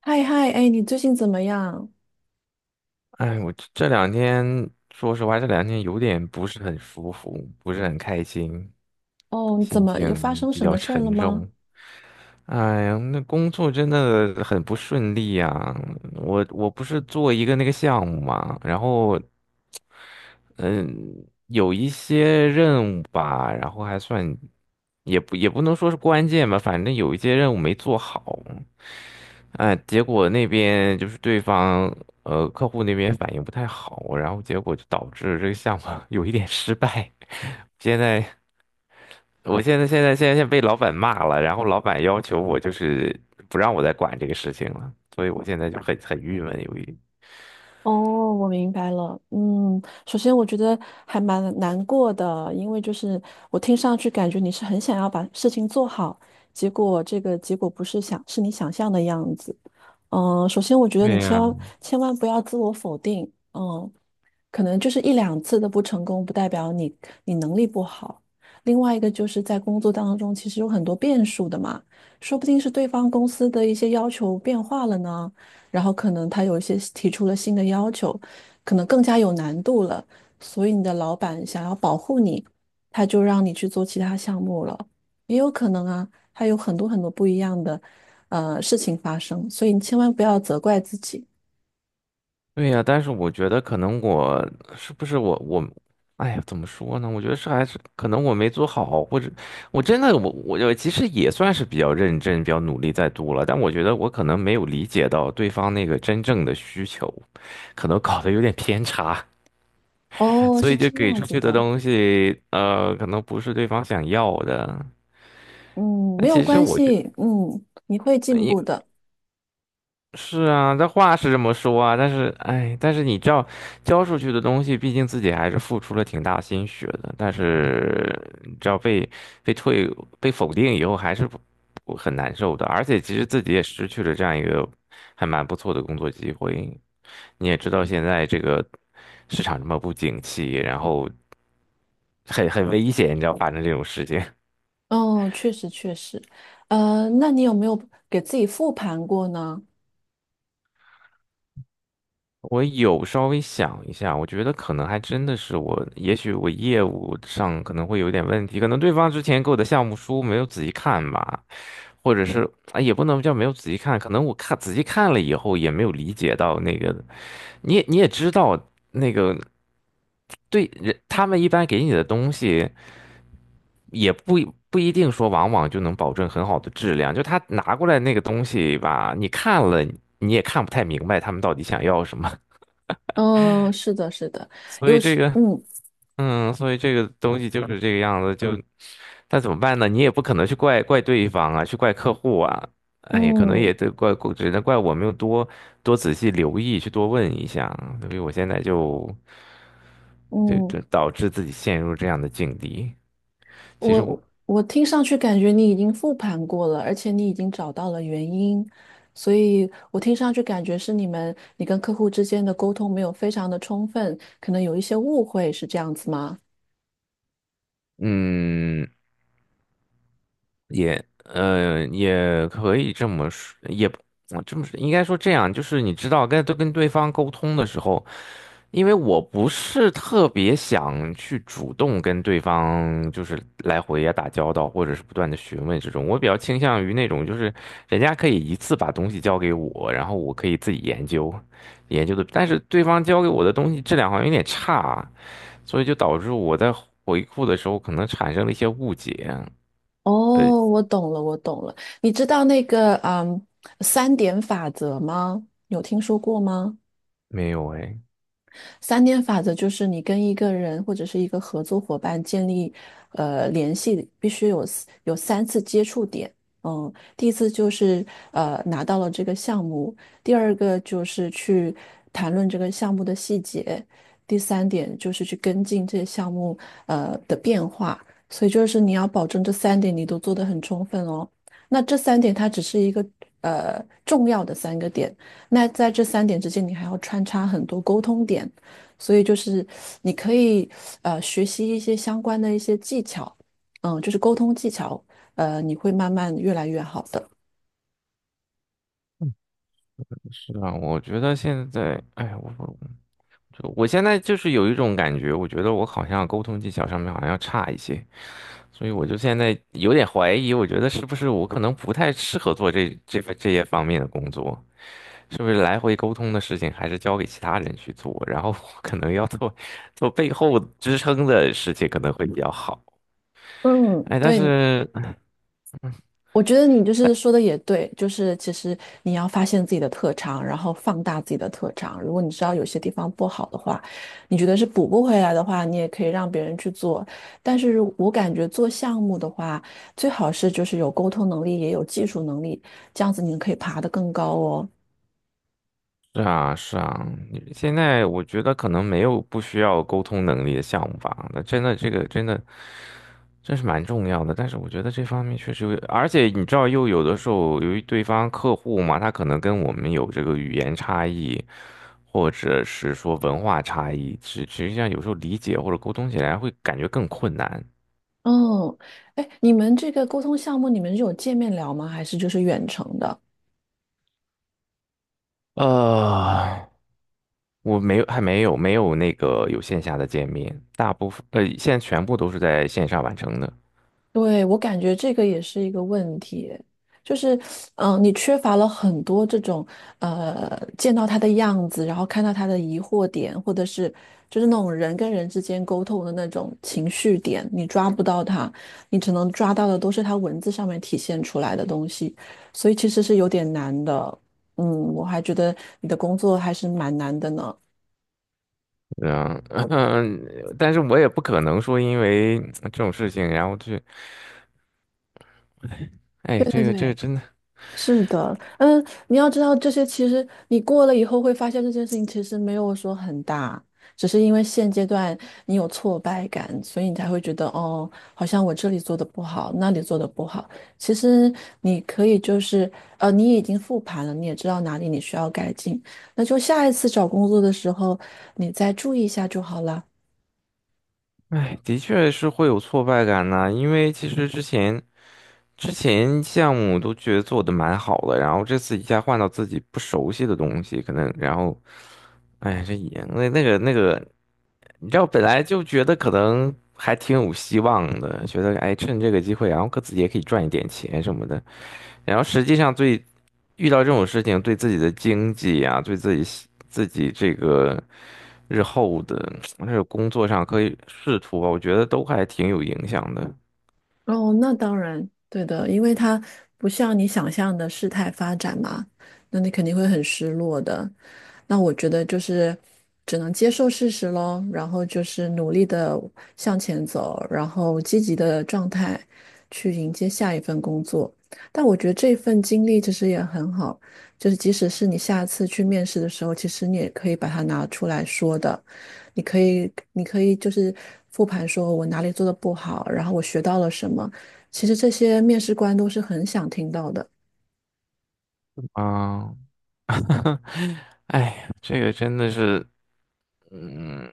嗨嗨，哎，你最近怎么样？哎，我这两天，说实话，这两天有点不是很舒服，不是很开心，哦，怎心么又发情生比什较么事儿了沉吗？重。哎呀，那工作真的很不顺利呀！我不是做一个那个项目嘛，然后嗯，有一些任务吧，然后还算也不能说是关键吧，反正有一些任务没做好。哎，结果那边就是对方客户那边反应不太好，然后结果就导致这个项目 有一点失败。现在我现在被老板骂了，然后老板要求我就是不让我再管这个事情了，所以我现在就很郁闷，哦，我明白了。嗯，首先我觉得还蛮难过的，因为就是我听上去感觉你是很想要把事情做好，结果这个结果不是想是你想象的样子。嗯，首先我觉得对你千呀、万千万不要自我否定。嗯，可能就是一两次的不成功，不代表你能力不好。另外一个就是在工作当中，其实有很多变数的嘛，说不定是对方公司的一些要求变化了呢。然后可能他有一些提出了新的要求，可能更加有难度了，所以你的老板想要保护你，他就让你去做其他项目了，也有可能啊，还有很多很多不一样的事情发生，所以你千万不要责怪自己。对呀，但是我觉得可能我是不是，哎呀，怎么说呢？我觉得是还是可能我没做好，或者我真的我其实也算是比较认真、比较努力在读了，但我觉得我可能没有理解到对方那个真正的需求，可能搞得有点偏差，哦，所是以就这给样出子去的的，东西，可能不是对方想要的。嗯，那没有其实关我觉系，嗯，你会进步因。的。是啊，这话是这么说啊，但是，哎，但是你知道，交出去的东西，毕竟自己还是付出了挺大心血的，但是你知道被退被否定以后，还是不很难受的，而且其实自己也失去了这样一个还蛮不错的工作机会。你也知道，现在这个市场这么不景气，然后很危险，你知道发生这种事情。哦，确实确实，那你有没有给自己复盘过呢？我有稍微想一下，我觉得可能还真的是我，也许我业务上可能会有点问题，可能对方之前给我的项目书没有仔细看吧，或者是啊，也不能叫没有仔细看，可能仔细看了以后也没有理解到那个，你也知道那个对人，他们一般给你的东西也不一定说往往就能保证很好的质量，就他拿过来那个东西吧，你看了你也看不太明白他们到底想要什么，嗯，是的，是的，所以有这时，个。嗯嗯，所以这个东西就是这个样子，就但怎么办呢？你也不可能去怪对方啊，去怪客户啊，哎，可能嗯。也得怪，只能怪我没有多仔细留意，去多问一下啊，所以我现在就就嗯，就导致自己陷入这样的境地。其我实我，我我听上去感觉你已经复盘过了，而且你已经找到了原因，所以我听上去感觉是你跟客户之间的沟通没有非常的充分，可能有一些误会，是这样子吗？嗯，也，也可以这么说，也不我这么说，应该说这样，就是你知道，跟都跟对方沟通的时候。因为我不是特别想去主动跟对方就是来回呀打交道，或者是不断的询问这种，我比较倾向于那种就是人家可以一次把东西交给我，然后我可以自己研究，研究的，但是对方交给我的东西质量好像有点差，所以就导致我在回复的时候可能产生了一些误解。呃，哦，我懂了，我懂了。你知道那个三点法则吗？有听说过吗？没有哎，三点法则就是你跟一个人或者是一个合作伙伴建立联系，必须有三次接触点。嗯，第一次就是拿到了这个项目，第二个就是去谈论这个项目的细节，第三点就是去跟进这些项目的变化。所以就是你要保证这三点你都做得很充分哦。那这三点它只是一个重要的三个点。那在这三点之间，你还要穿插很多沟通点，所以就是你可以学习一些相关的一些技巧，嗯，就是沟通技巧，你会慢慢越来越好的。是啊，我觉得现在，哎，我现在就是有一种感觉，我觉得我好像沟通技巧上面好像要差一些，所以我就现在有点怀疑，我觉得是不是我可能不太适合做这些方面的工作，是不是来回沟通的事情还是交给其他人去做，然后我可能做背后支撑的事情可能会比较好。嗯，哎，但对，是我觉得你就是说的也对，就是其实你要发现自己的特长，然后放大自己的特长。如果你知道有些地方不好的话，你觉得是补不回来的话，你也可以让别人去做。但是我感觉做项目的话，最好是就是有沟通能力，也有技术能力，这样子你可以爬得更高哦。是啊是啊，现在我觉得可能没有不需要沟通能力的项目吧，那真的这个真的。这是蛮重要的，但是我觉得这方面确实有，而且你知道，又有的时候由于对方客户嘛，他可能跟我们有这个语言差异，或者是说文化差异，实际上有时候理解或者沟通起来会感觉更困难。嗯，哎，你们这个沟通项目，你们是有见面聊吗？还是就是远程的？呃，我没有，还没有那个有线下的见面，大部分现在全部都是在线上完成的。对，我感觉这个也是一个问题，就是，嗯、你缺乏了很多这种，见到他的样子，然后看到他的疑惑点，或者是就是那种人跟人之间沟通的那种情绪点，你抓不到他，你只能抓到的都是他文字上面体现出来的东西，所以其实是有点难的。嗯，我还觉得你的工作还是蛮难的呢。嗯嗯 但是我也不可能说因为这种事情，然后去，哎，对对这个这个对，真的。是的，嗯，你要知道这些，其实你过了以后会发现这件事情其实没有说很大，只是因为现阶段你有挫败感，所以你才会觉得哦，好像我这里做的不好，那里做的不好。其实你可以就是你已经复盘了，你也知道哪里你需要改进，那就下一次找工作的时候你再注意一下就好了。哎，的确是会有挫败感呐、因为其实之前项目都觉得做的蛮好的，然后这次一下换到自己不熟悉的东西，可能然后，哎，这也那那个，你知道本来就觉得可能还挺有希望的，觉得哎趁这个机会，然后可自己也可以赚一点钱什么的，然后实际上最遇到这种事情，对自己的经济啊，对自己西自己这个日后的 这个工作上可以仕途吧，我觉得都还挺有影响的哦，那当然，对的，因为它不像你想象的事态发展嘛，那你肯定会很失落的。那我觉得就是只能接受事实喽，然后就是努力的向前走，然后积极的状态去迎接下一份工作。但我觉得这份经历其实也很好，就是即使是你下次去面试的时候，其实你也可以把它拿出来说的，你可以就是复盘说我哪里做的不好，然后我学到了什么，其实这些面试官都是很想听到的。啊。哎呀，这个真的是，嗯，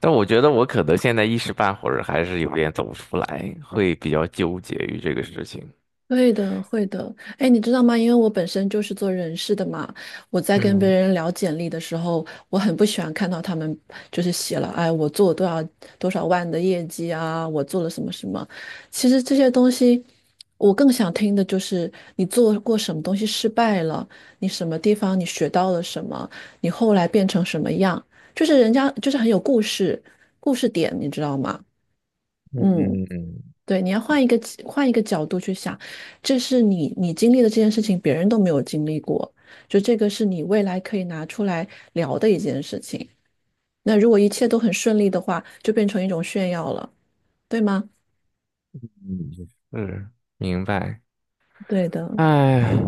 但我觉得我可能现在一时半会儿还是有点走不出来，会比较纠结于这个事情。会的，会的。哎，你知道吗？因为我本身就是做人事的嘛，我在跟别嗯人聊简历的时候，我很不喜欢看到他们就是写了，哎，我做了多少万的业绩啊，我做了什么什么。其实这些东西，我更想听的就是你做过什么东西失败了，你什么地方你学到了什么，你后来变成什么样，就是人家就是很有故事，故事点，你知道吗？嗯。嗯嗯，对，你要换一个角度去想，这是你经历的这件事情，别人都没有经历过，就这个是你未来可以拿出来聊的一件事情。那如果一切都很顺利的话，就变成一种炫耀了，对吗？嗯,是，明白。对的。哎，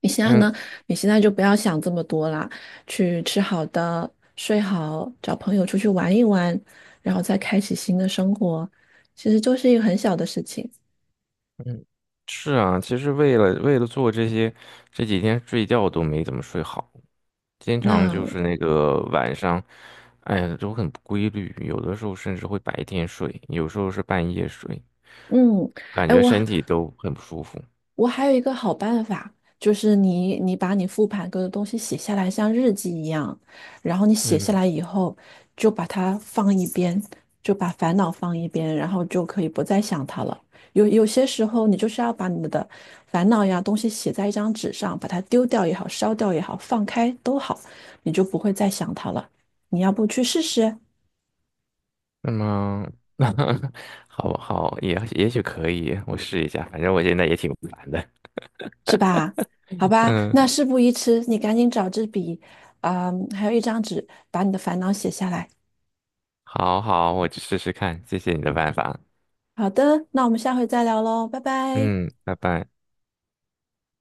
你现在嗯，呢？你现在就不要想这么多啦，去吃好的，睡好，找朋友出去玩一玩，然后再开启新的生活，其实就是一个很小的事情。嗯，是啊，其实为了做这些，这几天睡觉都没怎么睡好，经常就那是那个晚上，哎呀，都很不规律，有的时候甚至会白天睡，有时候是半夜睡，嗯，感哎，觉我身体都很不舒服。我还有一个好办法，就是你把你复盘过的东西写下来，像日记一样，然后你写下嗯，来以后，就把它放一边，就把烦恼放一边，然后就可以不再想它了。有些时候，你就是要把你的烦恼呀东西写在一张纸上，把它丢掉也好，烧掉也好，放开都好，你就不会再想它了。你要不去试试，那么 好好，也也许可以，我试一下，反正我现在也挺烦的。是吧？好吧，那嗯，事不宜迟，你赶紧找支笔，啊、还有一张纸，把你的烦恼写下来。好好，我去试试看，谢谢你的办法。好的，那我们下回再聊喽，拜拜。嗯，拜拜。